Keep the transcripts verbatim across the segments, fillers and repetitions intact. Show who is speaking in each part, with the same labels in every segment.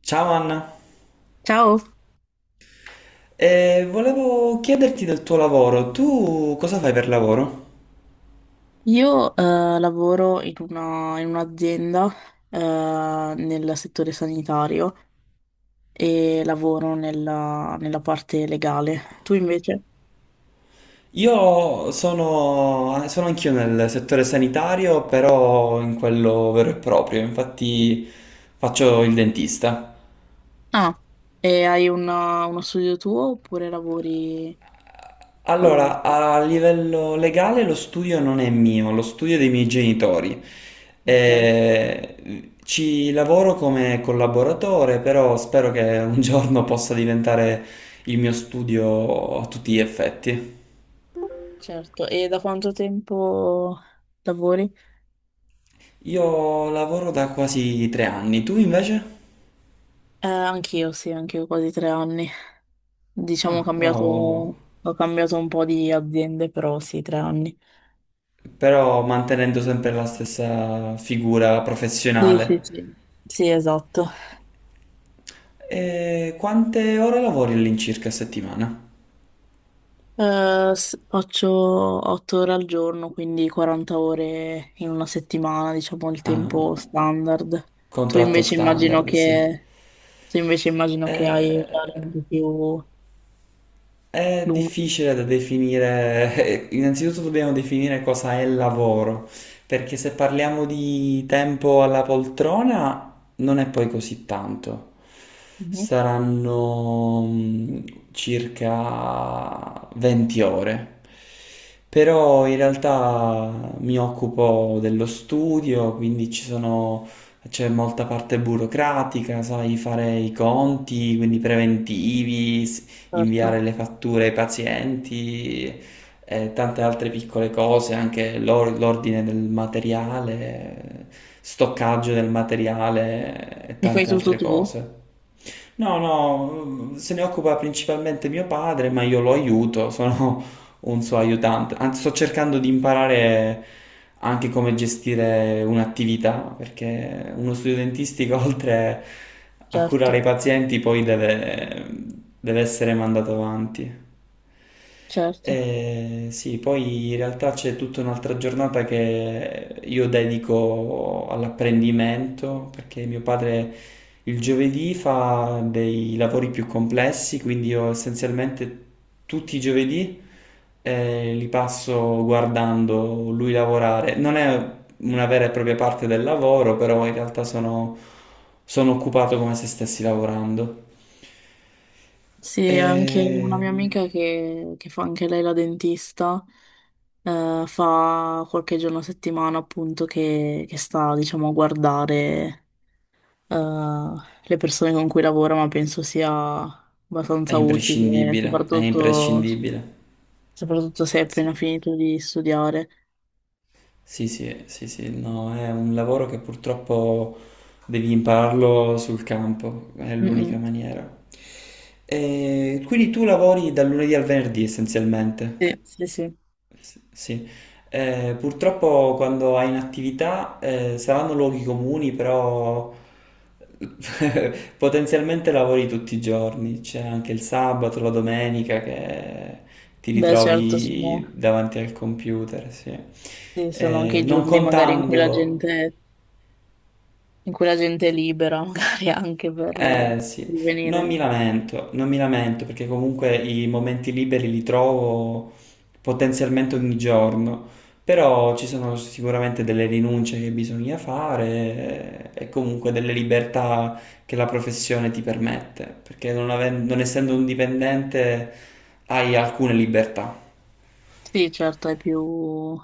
Speaker 1: Ciao Anna,
Speaker 2: Ciao,
Speaker 1: Eh, volevo chiederti del tuo lavoro. Tu cosa fai per lavoro?
Speaker 2: io eh, lavoro in una- in un'azienda eh, nel settore sanitario e lavoro nella, nella parte legale. Tu invece?
Speaker 1: Io sono, sono anch'io nel settore sanitario, però in quello vero e proprio, infatti faccio il dentista.
Speaker 2: Ah, e hai una- uno studio tuo oppure lavori con
Speaker 1: Allora,
Speaker 2: altri?
Speaker 1: a livello legale lo studio non è mio, lo studio è dei miei genitori.
Speaker 2: Ok,
Speaker 1: Eh, ci lavoro come collaboratore, però spero che un giorno possa diventare il mio studio a tutti gli effetti.
Speaker 2: certo. E da quanto tempo lavori?
Speaker 1: Io lavoro da quasi tre anni, tu invece?
Speaker 2: Eh, anch'io, sì, anch'io quasi tre anni. Diciamo ho
Speaker 1: Ah,
Speaker 2: cambiato,
Speaker 1: wow,
Speaker 2: ho cambiato un po' di aziende, però sì, tre anni.
Speaker 1: però mantenendo sempre la stessa figura
Speaker 2: Sì, sì,
Speaker 1: professionale.
Speaker 2: sì. Sì, esatto.
Speaker 1: E quante ore lavori all'incirca a settimana?
Speaker 2: Eh, s- faccio otto ore al giorno, quindi quaranta ore in una settimana, diciamo il
Speaker 1: Ah,
Speaker 2: tempo
Speaker 1: un
Speaker 2: standard. Tu
Speaker 1: contratto
Speaker 2: invece immagino
Speaker 1: standard, sì.
Speaker 2: che, tu invece immagino che hai orari
Speaker 1: Eh,
Speaker 2: un po' più
Speaker 1: È
Speaker 2: lunghi.
Speaker 1: difficile da definire, innanzitutto dobbiamo definire cosa è lavoro, perché se parliamo di tempo alla poltrona non è poi così tanto,
Speaker 2: Mhm.
Speaker 1: saranno mm, circa venti ore, però in realtà mi occupo dello studio, quindi ci sono. C'è molta parte burocratica, sai, fare i conti, quindi preventivi, s- inviare
Speaker 2: Certo.
Speaker 1: le fatture ai pazienti e tante altre piccole cose, anche l'or- l'ordine del materiale, stoccaggio del materiale e
Speaker 2: E fai
Speaker 1: tante
Speaker 2: tutto
Speaker 1: altre
Speaker 2: tu?
Speaker 1: cose. No, no, se ne occupa principalmente mio padre, ma io lo aiuto, sono un suo aiutante. Anzi, sto cercando di imparare anche come gestire un'attività, perché uno studio dentistico, oltre a
Speaker 2: Certo,
Speaker 1: curare i pazienti, poi deve, deve essere mandato avanti.
Speaker 2: certo.
Speaker 1: E sì, poi in realtà c'è tutta un'altra giornata che io dedico all'apprendimento, perché mio padre il giovedì fa dei lavori più complessi, quindi io essenzialmente tutti i giovedì e li passo guardando lui lavorare. Non è una vera e propria parte del lavoro, però in realtà sono, sono occupato come se stessi lavorando.
Speaker 2: Sì, anche una
Speaker 1: E-
Speaker 2: mia amica che, che fa anche lei la dentista, eh, fa qualche giorno a settimana appunto che, che sta, diciamo, a guardare. eh, le persone con cui lavoro, ma penso sia
Speaker 1: È
Speaker 2: abbastanza utile,
Speaker 1: imprescindibile, è
Speaker 2: soprattutto,
Speaker 1: imprescindibile.
Speaker 2: soprattutto se hai
Speaker 1: Sì,
Speaker 2: appena finito di studiare.
Speaker 1: sì, sì, sì, sì, no, è un lavoro che purtroppo devi impararlo sul campo, è
Speaker 2: Mm,
Speaker 1: l'unica
Speaker 2: mm.
Speaker 1: maniera. E quindi tu lavori dal lunedì al venerdì essenzialmente.
Speaker 2: Sì, sì, sì.
Speaker 1: S- Sì, Eh, purtroppo quando hai in attività eh, saranno luoghi comuni, però potenzialmente lavori tutti i giorni, c'è anche il sabato, la domenica che ti
Speaker 2: Beh, certo, sono,
Speaker 1: ritrovi davanti al computer, sì.
Speaker 2: sì, sono anche
Speaker 1: Eh,
Speaker 2: i
Speaker 1: non
Speaker 2: giorni magari in cui la
Speaker 1: contando.
Speaker 2: gente, in cui la gente è libera, magari anche per, per
Speaker 1: Eh sì, non mi
Speaker 2: venire.
Speaker 1: lamento, non mi lamento perché comunque i momenti liberi li trovo potenzialmente ogni giorno, però ci sono sicuramente delle rinunce che bisogna fare eh, e comunque delle libertà che la professione ti permette, perché non, aven- non essendo un dipendente hai alcune libertà,
Speaker 2: Sì, certo, hai più,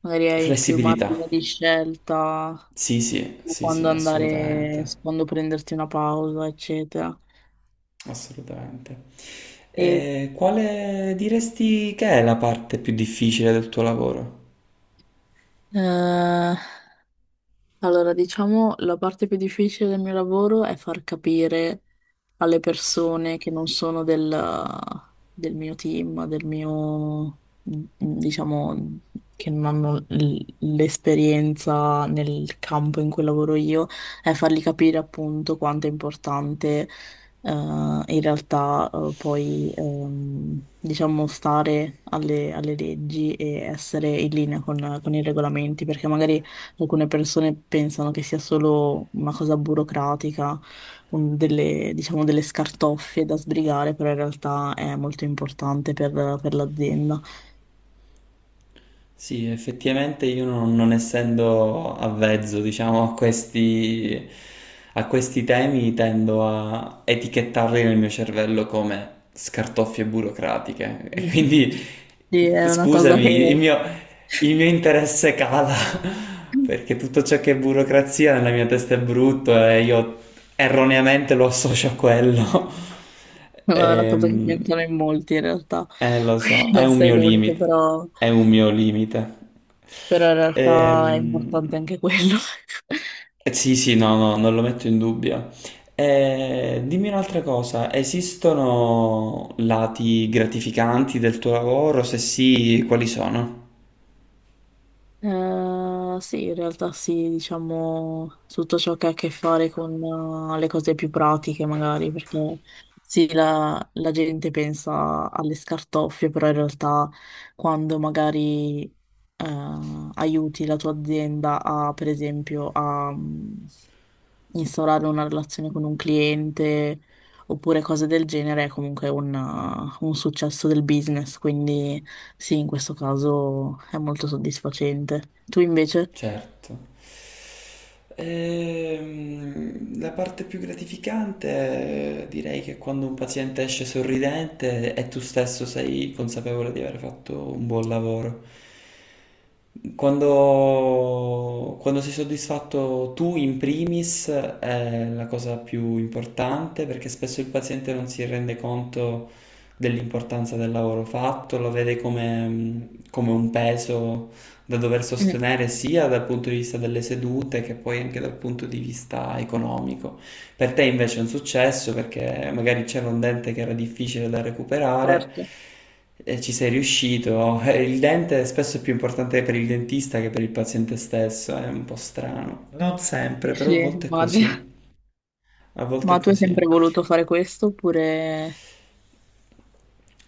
Speaker 2: magari hai più
Speaker 1: flessibilità.
Speaker 2: margine di scelta
Speaker 1: Sì, sì,
Speaker 2: su
Speaker 1: sì,
Speaker 2: quando
Speaker 1: sì,
Speaker 2: andare,
Speaker 1: assolutamente,
Speaker 2: su quando prenderti una pausa, eccetera.
Speaker 1: assolutamente.
Speaker 2: E,
Speaker 1: E quale diresti che è la parte più difficile del tuo lavoro?
Speaker 2: eh, Allora, diciamo, la parte più difficile del mio lavoro è far capire alle persone che non sono del, del mio team, del mio, mm, diciamo, che non hanno l- l'esperienza nel campo in cui lavoro io, è fargli capire appunto quanto è importante eh, in realtà eh, poi ehm, diciamo stare alle, alle leggi e essere in linea con, con i regolamenti, perché magari alcune persone pensano che sia solo una cosa burocratica un- delle, diciamo, delle scartoffie da sbrigare, però in realtà è molto importante per, per l'azienda.
Speaker 1: Sì, effettivamente io non, non essendo avvezzo, diciamo, a questi, a questi temi, tendo a etichettarli nel mio cervello come scartoffie burocratiche. E quindi,
Speaker 2: Sì, è una cosa
Speaker 1: scusami, il
Speaker 2: che,
Speaker 1: mio, Il mio interesse cala, perché tutto ciò che è burocrazia nella mia testa è brutto e io erroneamente lo associo a quello.
Speaker 2: è una cosa che
Speaker 1: Ehm,
Speaker 2: pensano in molti in realtà,
Speaker 1: eh, lo so,
Speaker 2: quindi
Speaker 1: è
Speaker 2: non
Speaker 1: un
Speaker 2: sei
Speaker 1: mio
Speaker 2: l'unico,
Speaker 1: limite,
Speaker 2: però,
Speaker 1: è un mio limite.
Speaker 2: però in realtà è
Speaker 1: Ehm,
Speaker 2: importante anche quello.
Speaker 1: eh, sì, sì, no, no, non lo metto in dubbio. Eh, dimmi un'altra cosa, esistono lati gratificanti del tuo lavoro? Se sì, quali sono?
Speaker 2: Eh, sì, in realtà sì, diciamo tutto ciò che ha a che fare con eh, le cose più pratiche magari, perché sì, la, la gente pensa alle scartoffie, però in realtà quando magari eh, aiuti la tua azienda a, per esempio, a instaurare una relazione con un cliente oppure cose del genere è comunque una- un successo del business, quindi sì, in questo caso è molto soddisfacente. Tu invece?
Speaker 1: Certo. Ehm, la parte più gratificante eh, direi che è quando un paziente esce sorridente e tu stesso sei consapevole di aver fatto un buon lavoro. Quando, quando sei soddisfatto tu in primis è la cosa più importante, perché spesso il paziente non si rende conto dell'importanza del lavoro fatto, lo vede come, come un peso da dover
Speaker 2: Mm,
Speaker 1: sostenere sia dal punto di vista delle sedute che poi anche dal punto di vista economico. Per te invece è un successo perché magari c'era un dente che era difficile da recuperare
Speaker 2: certo,
Speaker 1: e ci sei riuscito. Eh, Il dente spesso è più importante per il dentista che per il paziente stesso, è un po' strano. Non
Speaker 2: sì,
Speaker 1: sempre, però
Speaker 2: sì,
Speaker 1: a volte è
Speaker 2: immagino.
Speaker 1: così. A volte
Speaker 2: Ma
Speaker 1: è
Speaker 2: tu hai sempre
Speaker 1: così.
Speaker 2: voluto fare questo oppure...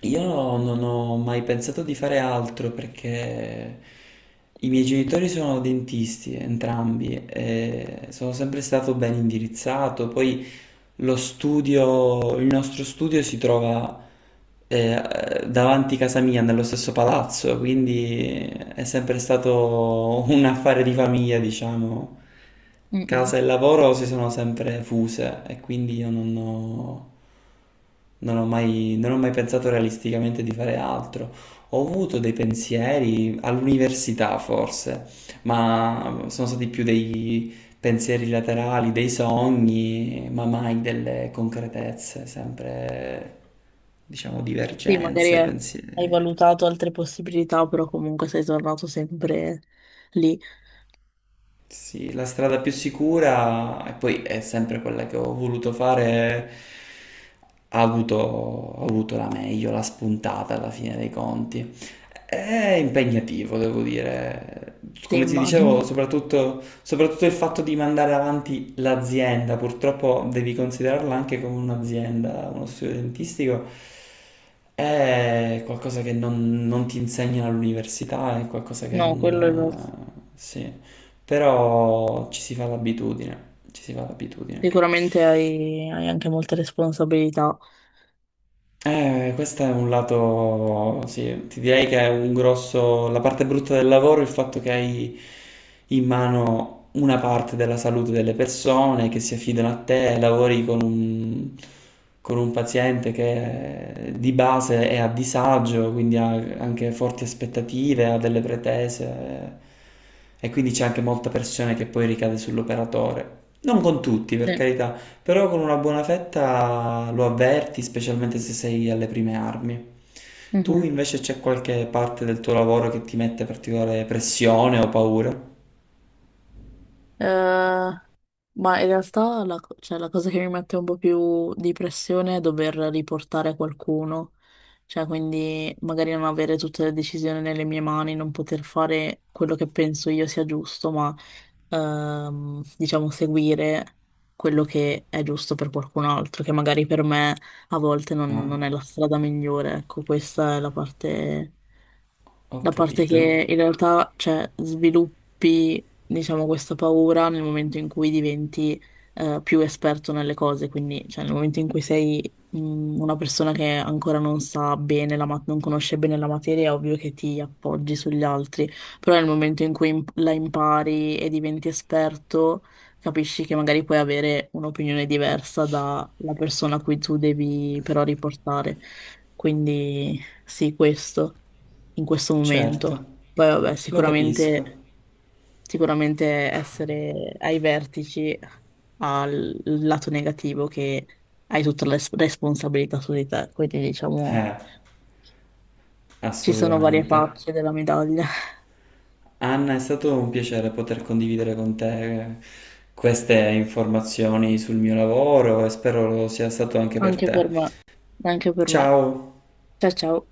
Speaker 1: Io non ho mai pensato di fare altro perché i miei genitori sono dentisti, entrambi, e sono sempre stato ben indirizzato. Poi lo studio, il nostro studio si trova eh, davanti casa mia, nello stesso palazzo, quindi è sempre stato un affare di famiglia, diciamo.
Speaker 2: Mm, mm.
Speaker 1: Casa e lavoro si sono sempre fuse e quindi io non ho, non ho mai, non ho mai pensato realisticamente di fare altro. Ho avuto dei pensieri all'università forse, ma sono stati più dei pensieri laterali, dei sogni, ma mai delle concretezze, sempre diciamo
Speaker 2: Sì, magari
Speaker 1: divergenze,
Speaker 2: eh, hai
Speaker 1: pensieri.
Speaker 2: valutato altre possibilità, però comunque sei tornato sempre lì.
Speaker 1: Sì, la strada più sicura, e poi è sempre quella che ho voluto fare, ha avuto, ha avuto la meglio, la spuntata alla fine dei conti. È impegnativo, devo dire.
Speaker 2: Sì,
Speaker 1: Come ti dicevo,
Speaker 2: immagino.
Speaker 1: soprattutto, soprattutto il fatto di mandare avanti l'azienda, purtroppo devi considerarla anche come un'azienda, uno studio dentistico, è qualcosa che non, non ti insegnano all'università, è qualcosa che
Speaker 2: No,
Speaker 1: non...
Speaker 2: quello è vero.
Speaker 1: eh, sì. Però ci si fa l'abitudine, ci si fa l'abitudine.
Speaker 2: Sicuramente hai, hai anche molte responsabilità.
Speaker 1: Eh, questo è un lato, sì, ti direi che è un grosso, la parte brutta del lavoro è il fatto che hai in mano una parte della salute delle persone che si affidano a te, lavori con un, con un paziente che eh, di base è a disagio, quindi ha anche forti aspettative, ha delle pretese, eh, e quindi c'è anche molta pressione che poi ricade sull'operatore. Non con tutti, per
Speaker 2: Sì.
Speaker 1: carità. Però con una buona fetta lo avverti, specialmente se sei alle prime armi. Tu
Speaker 2: Mhm.
Speaker 1: invece c'è qualche parte del tuo lavoro che ti mette particolare pressione o paura?
Speaker 2: Eh, ma in realtà la, co- cioè, la cosa che mi mette un po' più di pressione è dover riportare qualcuno, cioè quindi magari non avere tutte le decisioni nelle mie mani, non poter fare quello che penso io sia giusto, ma ehm, diciamo seguire quello che è giusto per qualcun altro, che magari per me a volte non,
Speaker 1: Ah,
Speaker 2: non è la strada migliore, ecco, questa è la parte...
Speaker 1: ho
Speaker 2: Da parte
Speaker 1: capito.
Speaker 2: che in realtà, cioè, sviluppi, diciamo, questa paura nel momento in cui diventi eh, più esperto nelle cose, quindi, cioè, nel momento in cui sei mh, una persona che ancora non sa bene la ma- non conosce bene la materia, è ovvio che ti appoggi sugli altri, però nel momento in cui imp- la impari e diventi esperto, capisci che magari puoi avere un'opinione diversa dalla persona a cui tu devi però riportare. Quindi sì, questo in questo
Speaker 1: Certo,
Speaker 2: momento. Poi vabbè,
Speaker 1: lo capisco.
Speaker 2: sicuramente, sicuramente essere ai vertici ha il lato negativo che hai tutta la res- responsabilità su di te, quindi diciamo
Speaker 1: Eh,
Speaker 2: ci sono varie
Speaker 1: assolutamente.
Speaker 2: facce della medaglia.
Speaker 1: Anna, è stato un piacere poter condividere con te eh, queste informazioni sul mio lavoro e spero lo sia stato anche per
Speaker 2: Anche
Speaker 1: te.
Speaker 2: per me, anche per me.
Speaker 1: Ciao!
Speaker 2: Ciao ciao.